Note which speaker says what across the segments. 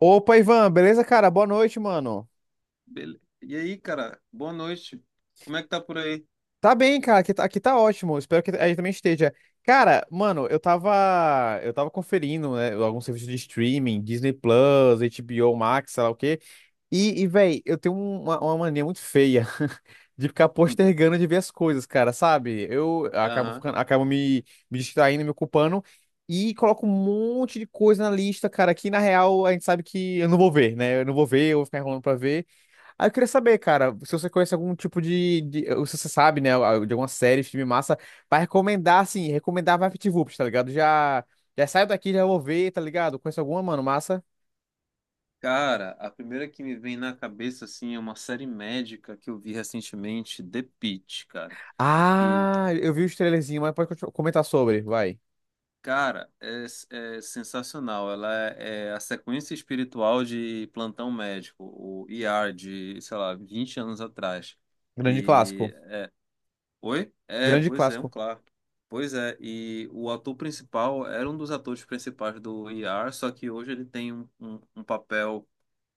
Speaker 1: Opa, Ivan, beleza, cara? Boa noite, mano.
Speaker 2: E aí, cara, boa noite. Como é que tá por aí?
Speaker 1: Tá bem, cara, aqui tá ótimo. Espero que aí também esteja. Cara, mano, eu tava conferindo, né, alguns serviços de streaming, Disney Plus, HBO Max, sei lá o quê. E velho, eu tenho uma mania muito feia de ficar
Speaker 2: Hum.
Speaker 1: postergando de ver as coisas, cara, sabe? Eu acabo
Speaker 2: Aham.
Speaker 1: ficando, acabo me distraindo, me ocupando e coloco um monte de coisa na lista, cara, que na real a gente sabe que eu não vou ver, né? Eu não vou ver, eu vou ficar enrolando pra ver. Aí eu queria saber, cara, se você conhece algum tipo ou se você sabe, né, de alguma série, filme massa, pra recomendar, assim, recomendar VaptVups, tá ligado? Já saio daqui, já vou ver, tá ligado? Conhece alguma, mano, massa?
Speaker 2: Cara, a primeira que me vem na cabeça, assim, é uma série médica que eu vi recentemente, The Pitt, cara. Que,
Speaker 1: Ah, eu vi o trailerzinho, mas pode comentar sobre, vai.
Speaker 2: cara, é sensacional. É a sequência espiritual de Plantão Médico, o ER de, sei lá, 20 anos atrás.
Speaker 1: Grande clássico.
Speaker 2: E oi? É,
Speaker 1: Grande
Speaker 2: pois é, um
Speaker 1: clássico.
Speaker 2: claro. Pois é, e o ator principal era um dos atores principais do ER, só que hoje ele tem um papel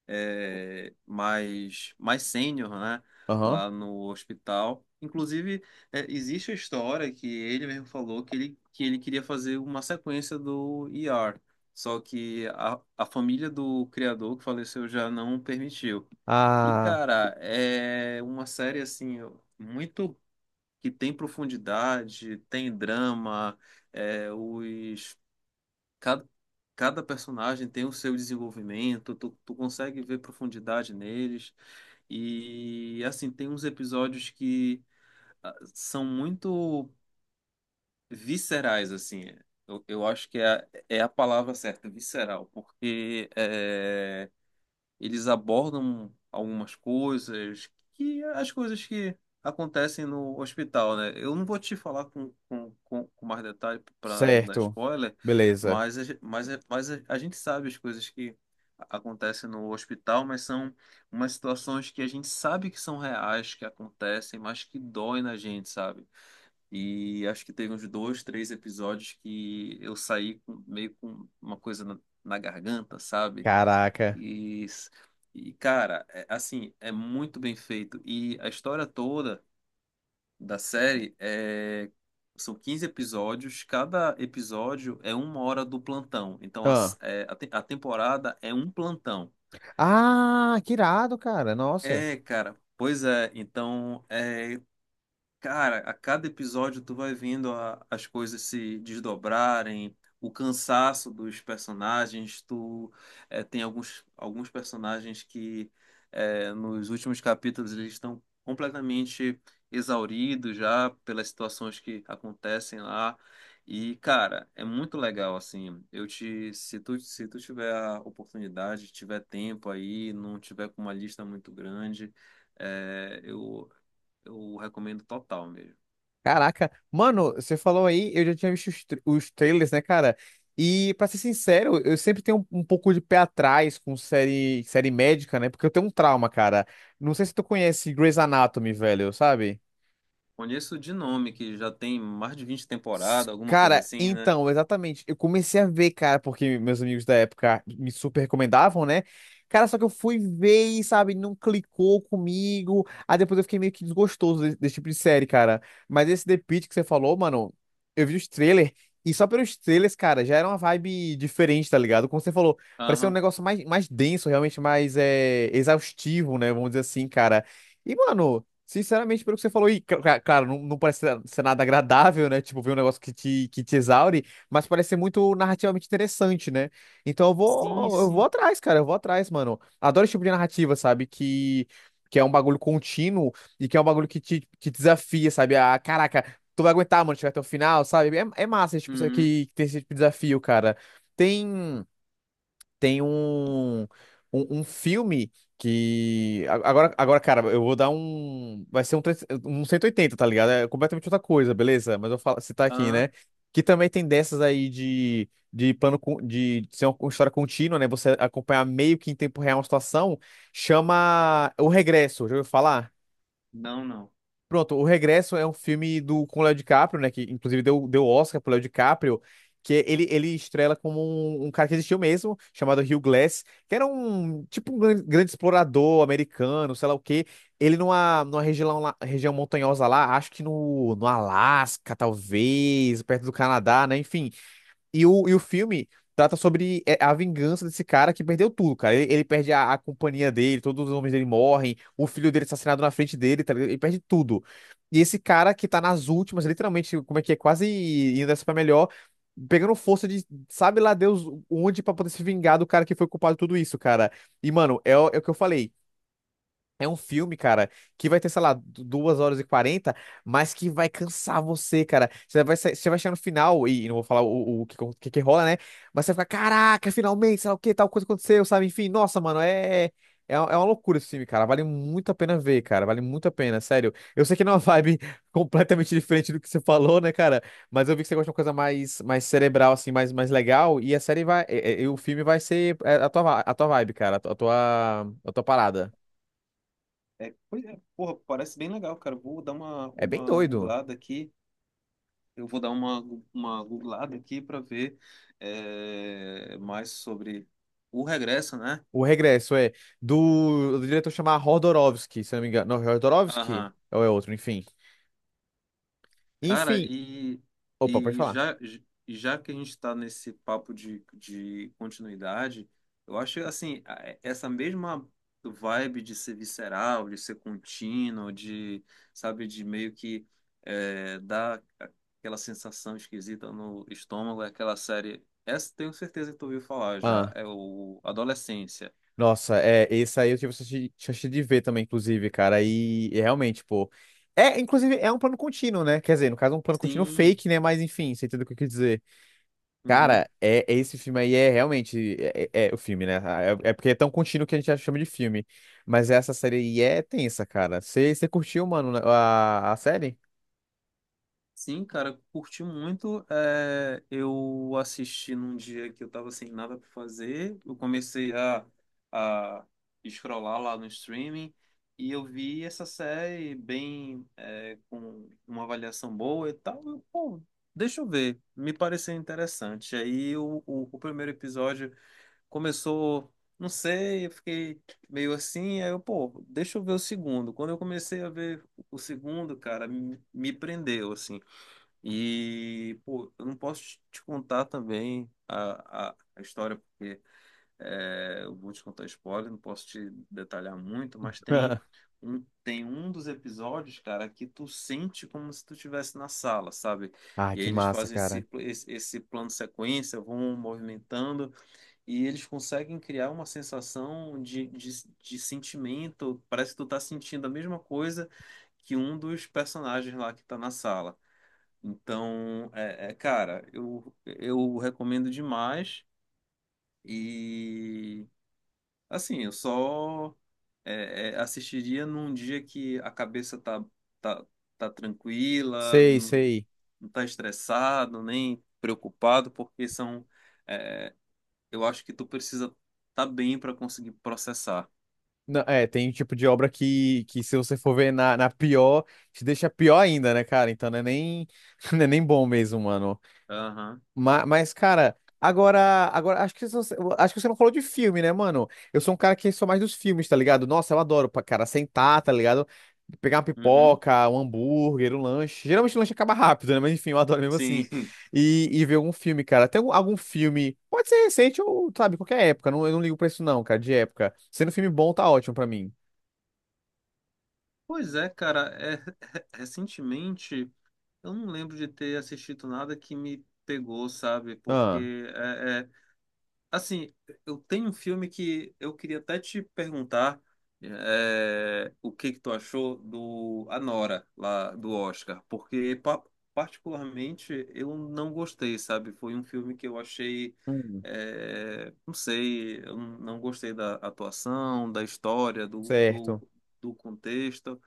Speaker 2: mais, mais sênior, né?
Speaker 1: Aham.
Speaker 2: Lá no hospital. Inclusive, existe a história que ele mesmo falou que que ele queria fazer uma sequência do ER, só que a família do criador que faleceu já não permitiu. E,
Speaker 1: Ah,
Speaker 2: cara, é uma série assim muito que tem profundidade, tem drama, é, os cada, cada personagem tem o seu desenvolvimento, tu consegue ver profundidade neles. E assim, tem uns episódios que ah, são muito viscerais, assim. Eu acho que é a palavra certa, visceral, porque é, eles abordam algumas coisas que as coisas que acontecem no hospital, né? Eu não vou te falar com mais detalhe para não dar
Speaker 1: certo.
Speaker 2: spoiler,
Speaker 1: Beleza.
Speaker 2: mas, a ge- mas a gente sabe as coisas que acontecem no hospital, mas são umas situações que a gente sabe que são reais, que acontecem, mas que dói na gente, sabe? E acho que teve uns dois, três episódios que eu meio com uma coisa na garganta, sabe?
Speaker 1: Caraca.
Speaker 2: E, e cara, assim, é muito bem feito. E a história toda da série é. São 15 episódios, cada episódio é 1 hora do plantão. Então a,
Speaker 1: Ah.
Speaker 2: é, a, te- a temporada é um plantão.
Speaker 1: Ah, que irado, cara. Nossa.
Speaker 2: É, cara, pois é. Então, é. Cara, a cada episódio tu vai vendo as coisas se desdobrarem, o cansaço dos personagens. Tu eh, tem alguns personagens que eh, nos últimos capítulos eles estão completamente exauridos já pelas situações que acontecem lá. E, cara, é muito legal, assim. Eu te, se tu, se tu tiver a oportunidade, tiver tempo aí, não tiver com uma lista muito grande. É, eu recomendo total mesmo.
Speaker 1: Caraca. Mano, você falou aí, eu já tinha visto os trailers, né, cara? E, pra ser sincero, eu sempre tenho um pouco de pé atrás com série médica, né? Porque eu tenho um trauma, cara. Não sei se tu conhece Grey's Anatomy, velho, sabe?
Speaker 2: Conheço de nome, que já tem mais de 20 temporadas, alguma coisa
Speaker 1: Cara,
Speaker 2: assim, né?
Speaker 1: então, exatamente. Eu comecei a ver, cara, porque meus amigos da época me super recomendavam, né? Cara, só que eu fui ver e, sabe, não clicou comigo. Aí depois eu fiquei meio que desgostoso desse, tipo de série, cara. Mas esse The Pitt que você falou, mano, eu vi os trailers. E só pelos trailers, cara, já era uma vibe diferente, tá ligado? Como você falou, parecia um
Speaker 2: Aham.
Speaker 1: negócio mais denso, realmente mais exaustivo, né? Vamos dizer assim, cara. E, mano. Sinceramente, pelo que você falou, cara, não parece ser nada agradável, né? Tipo, ver um negócio que te exaure, mas parece ser muito narrativamente interessante, né? Então eu
Speaker 2: Sim,
Speaker 1: vou, eu vou
Speaker 2: sim.
Speaker 1: atrás, cara, eu vou atrás, mano. Adoro esse tipo de narrativa, sabe? Que é um bagulho contínuo e que é um bagulho que desafia, sabe? Ah, caraca, tu vai aguentar, mano, chegar até o final, sabe? É massa esse tipo,
Speaker 2: Uhum.
Speaker 1: que tem esse tipo de desafio, cara. Tem tem um filme que. Agora, cara, eu vou dar um. Vai ser 3 180, tá ligado? É completamente outra coisa, beleza? Mas eu vou falar, citar aqui,
Speaker 2: Aham.
Speaker 1: né? Que também tem dessas aí de ser uma história contínua, né? Você acompanhar meio que em tempo real uma situação, chama O Regresso, já ouviu falar?
Speaker 2: Não, não.
Speaker 1: Pronto, O Regresso é um filme com o Léo DiCaprio, né? Que inclusive deu Oscar pro Léo DiCaprio, que ele estrela como um cara que existiu mesmo, chamado Hugh Glass, que era um tipo um grande, grande explorador americano, sei lá o quê. Ele numa região montanhosa lá, acho que no Alasca, talvez, perto do Canadá, né? Enfim. E o filme trata sobre a vingança desse cara que perdeu tudo, cara. Ele perde a companhia dele, todos os homens dele morrem, o filho dele é assassinado na frente dele, tá ligado? Ele perde tudo. E esse cara que tá nas últimas, literalmente, como é que é, quase indo dessa pra melhor, pegando força de sabe lá Deus onde pra poder se vingar do cara que foi culpado de tudo isso, cara. E, mano, é o que eu falei. É um filme, cara, que vai ter, sei lá, 2h40, mas que vai cansar você, cara. Você vai chegar no final, e não vou falar o que que rola, né? Mas você vai ficar, caraca, finalmente, sei lá o que, tal coisa aconteceu, sabe? Enfim, nossa, mano, é uma loucura esse filme, cara. Vale muito a pena ver, cara. Vale muito a pena, sério. Eu sei que não é uma vibe completamente diferente do que você falou, né, cara? Mas eu vi que você gosta de uma coisa mais cerebral, assim, mais legal. E a série vai. E o filme vai ser a tua vibe, cara, a tua parada.
Speaker 2: É, pois é. Porra, parece bem legal, cara. Vou dar
Speaker 1: É bem
Speaker 2: uma
Speaker 1: doido.
Speaker 2: googlada aqui. Eu vou dar uma googlada aqui para ver é, mais sobre o regresso, né?
Speaker 1: O regresso é do diretor chamar Rodorovsky, se eu não me engano. Não, Rodorovsky?
Speaker 2: Aham.
Speaker 1: Ou é outro, enfim.
Speaker 2: Cara,
Speaker 1: Enfim. Opa, pode
Speaker 2: e
Speaker 1: falar.
Speaker 2: já, e já que a gente está nesse papo de continuidade, eu acho assim, é, essa mesma vibe de ser visceral, de ser contínuo, de, sabe, de meio que é, dar aquela sensação esquisita no estômago, é aquela série. Essa tenho certeza que tu ouviu falar já,
Speaker 1: Ah,
Speaker 2: é o Adolescência.
Speaker 1: nossa, esse aí eu tive chance de ver também, inclusive, cara. E realmente, pô. É, inclusive, é um plano contínuo, né? Quer dizer, no caso, é um plano contínuo
Speaker 2: Sim.
Speaker 1: fake, né? Mas enfim, você entendeu o que eu quis dizer.
Speaker 2: Uhum.
Speaker 1: Cara, esse filme aí é realmente. É o filme, né? Ah, é porque é tão contínuo que a gente já chama de filme. Mas essa série aí é tensa, cara. Você curtiu, mano, né, a série?
Speaker 2: Sim, cara, curti muito. É, eu assisti num dia que eu tava sem nada pra fazer. Eu comecei a scrollar lá no streaming e eu vi essa série bem, é, com uma avaliação boa e tal. Eu, pô, deixa eu ver, me pareceu interessante. Aí o primeiro episódio começou, não sei, eu fiquei meio assim. Aí eu, pô, deixa eu ver o segundo. Quando eu comecei a ver o segundo, cara, me prendeu, assim. E, pô, eu não posso te contar também a história, porque é, eu vou te contar spoiler, não posso te detalhar muito, mas tem tem um dos episódios, cara, que tu sente como se tu estivesse na sala, sabe?
Speaker 1: Ah,
Speaker 2: E aí
Speaker 1: que
Speaker 2: eles
Speaker 1: massa,
Speaker 2: fazem
Speaker 1: cara.
Speaker 2: esse plano sequência, vão movimentando, e eles conseguem criar uma sensação de sentimento, parece que tu tá sentindo a mesma coisa que um dos personagens lá que tá na sala. Então, é, cara, eu recomendo demais. E, assim, eu só é, assistiria num dia que a cabeça tá, tá tranquila,
Speaker 1: Sei,
Speaker 2: não,
Speaker 1: sei.
Speaker 2: não tá estressado, nem preocupado, porque são. É, eu acho que tu precisa tá bem para conseguir processar.
Speaker 1: Não, tem um tipo de obra que se você for ver na pior, te deixa pior ainda, né, cara? Então não é nem, não é nem bom mesmo, mano.
Speaker 2: Aham.
Speaker 1: Mas, cara, agora, agora acho que você não falou de filme, né, mano? Eu sou um cara que sou mais dos filmes, tá ligado? Nossa, eu adoro, cara, sentar, tá ligado? Pegar uma
Speaker 2: Uhum.
Speaker 1: pipoca, um hambúrguer, um lanche. Geralmente o lanche acaba rápido, né? Mas enfim, eu adoro mesmo assim.
Speaker 2: Sim.
Speaker 1: E ver algum filme, cara. Tem algum filme, pode ser recente ou, sabe, qualquer época. Não, eu não ligo pra isso, não, cara, de época. Sendo filme bom, tá ótimo pra mim.
Speaker 2: Pois é, cara, é, recentemente. Eu não lembro de ter assistido nada que me pegou, sabe?
Speaker 1: Ah,
Speaker 2: Porque assim, eu tenho um filme que eu queria até te perguntar é, o que que tu achou do Anora lá do Oscar, particularmente eu não gostei, sabe? Foi um filme que eu achei
Speaker 1: hum,
Speaker 2: é, não sei, eu não gostei da atuação, da história,
Speaker 1: certo.
Speaker 2: do contexto.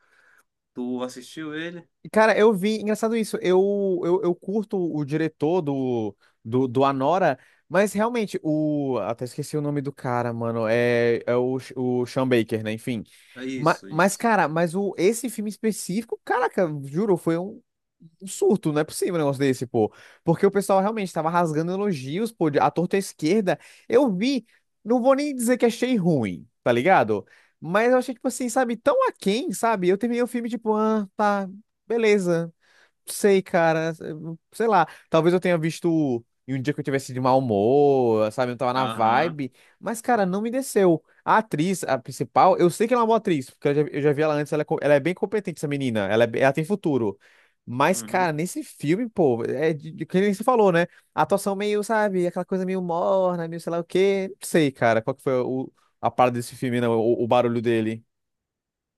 Speaker 2: Tu assistiu ele?
Speaker 1: Cara, eu vi, engraçado isso, eu curto o diretor do, Anora, mas realmente, até esqueci o nome do cara, mano, é o Sean Baker, né, enfim.
Speaker 2: É
Speaker 1: Mas,
Speaker 2: isso,
Speaker 1: mas
Speaker 2: isso.
Speaker 1: cara, esse filme específico, caraca, juro, foi um surto, não é possível um negócio desse, pô. Porque o pessoal realmente tava rasgando elogios, pô, à torta à esquerda. Eu vi, não vou nem dizer que achei ruim, tá ligado? Mas eu achei, tipo assim, sabe, tão aquém, sabe? Eu terminei o filme, tipo, ah, tá, beleza sei, cara. Sei lá. Talvez eu tenha visto em um dia que eu tivesse de mau humor, sabe? Eu não tava na
Speaker 2: Aham.
Speaker 1: vibe. Mas, cara, não me desceu. A atriz, a principal, eu sei que ela é uma boa atriz, porque eu já vi ela antes. Ela é bem competente, essa menina. Ela tem futuro. Mas, cara,
Speaker 2: Uhum.
Speaker 1: nesse filme, pô, é que nem você falou, né? A atuação meio, sabe? Aquela coisa meio morna, meio sei lá o quê. Não sei, cara, qual que foi a parada desse filme, não, o barulho dele.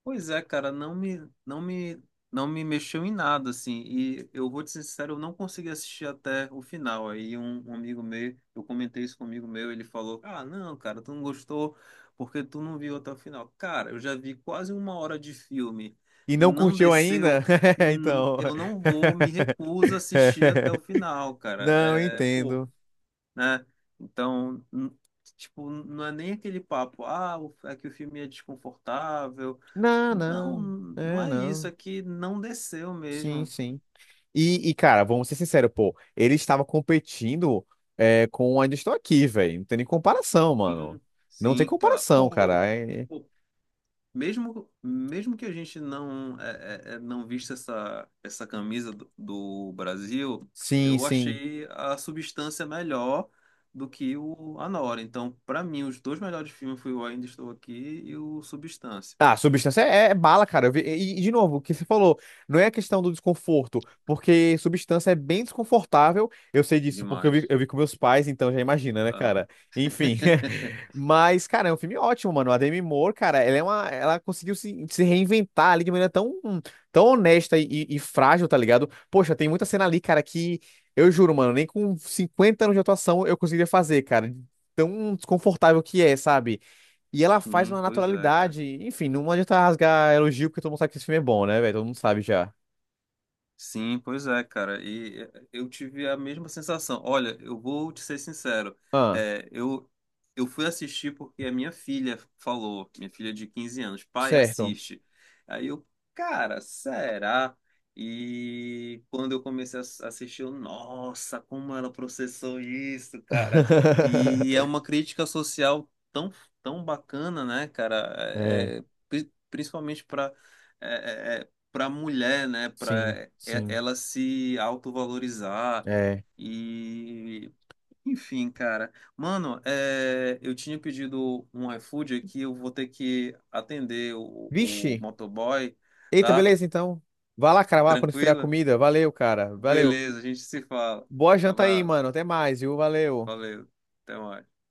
Speaker 2: Pois é, cara, não me mexeu em nada, assim. E eu vou te ser sincero, eu não consegui assistir até o final. Aí um amigo meu, eu comentei isso com um amigo meu, ele falou: Ah, não, cara, tu não gostou porque tu não viu até o final. Cara, eu já vi quase 1 hora de filme,
Speaker 1: E não
Speaker 2: não
Speaker 1: curtiu ainda?
Speaker 2: desceu,
Speaker 1: Então.
Speaker 2: eu não vou, me recuso a assistir até o final, cara.
Speaker 1: Não, eu
Speaker 2: É, pô,
Speaker 1: entendo.
Speaker 2: né? Então, n- tipo, não é nem aquele papo, ah, é que o filme é desconfortável.
Speaker 1: Não,
Speaker 2: Não,
Speaker 1: não.
Speaker 2: não
Speaker 1: É,
Speaker 2: é isso,
Speaker 1: não.
Speaker 2: é que não desceu
Speaker 1: Sim,
Speaker 2: mesmo.
Speaker 1: sim. E, cara, vamos ser sinceros, pô. Ele estava competindo com a onde estou aqui, velho. Não tem nem comparação, mano.
Speaker 2: Sim,
Speaker 1: Não tem
Speaker 2: sim, cara.
Speaker 1: comparação,
Speaker 2: Pô,
Speaker 1: cara.
Speaker 2: pô, mesmo, mesmo que a gente não vista essa camisa do Brasil,
Speaker 1: Sim,
Speaker 2: eu
Speaker 1: sim.
Speaker 2: achei a substância melhor do que o Anora. Então, pra mim, os dois melhores filmes foi o Ainda Estou Aqui e o Substância.
Speaker 1: Ah, substância é bala, cara. Eu vi- E, e, de novo, o que você falou, não é a questão do desconforto, porque substância é bem desconfortável. Eu sei disso, porque eu vi,
Speaker 2: Demais.
Speaker 1: eu vi com meus pais, então já imagina, né,
Speaker 2: Tá?
Speaker 1: cara? Enfim. Mas, cara, é um filme ótimo, mano. A Demi Moore, cara, ela conseguiu se reinventar ali de maneira tão, tão honesta e frágil, tá ligado? Poxa, tem muita cena ali, cara, que eu juro, mano, nem com 50 anos de atuação eu conseguiria fazer, cara. Tão desconfortável que é, sabe? E ela faz
Speaker 2: Sim,
Speaker 1: uma
Speaker 2: pois é, cara.
Speaker 1: naturalidade. Enfim, não adianta rasgar elogio, porque todo mundo sabe que esse filme é bom, né, velho? Todo mundo sabe já.
Speaker 2: Sim, pois é, cara. E eh, eu tive a mesma sensação. Olha, eu vou te ser sincero.
Speaker 1: Ah,
Speaker 2: É, eu fui assistir porque a minha filha falou, minha filha de 15 anos, pai,
Speaker 1: certo.
Speaker 2: assiste. Aí eu, cara, será? E quando eu comecei a assistir, eu, nossa, como ela processou isso, cara. E é uma crítica social tão, tão bacana, né, cara?
Speaker 1: É,
Speaker 2: Principalmente para a mulher, né,
Speaker 1: sim,
Speaker 2: para
Speaker 1: sim.
Speaker 2: ela se autovalorizar
Speaker 1: É.
Speaker 2: e enfim, cara. Mano, é, eu tinha pedido um iFood aqui, eu vou ter que atender o
Speaker 1: Vixe.
Speaker 2: motoboy,
Speaker 1: Eita,
Speaker 2: tá?
Speaker 1: beleza, então. Vai lá, cara, vai lá quando esfriar a
Speaker 2: Tranquilo?
Speaker 1: comida. Valeu, cara. Valeu.
Speaker 2: Beleza, a gente se fala.
Speaker 1: Boa janta aí,
Speaker 2: Abraço,
Speaker 1: mano. Até mais, viu? Valeu.
Speaker 2: valeu, até mais.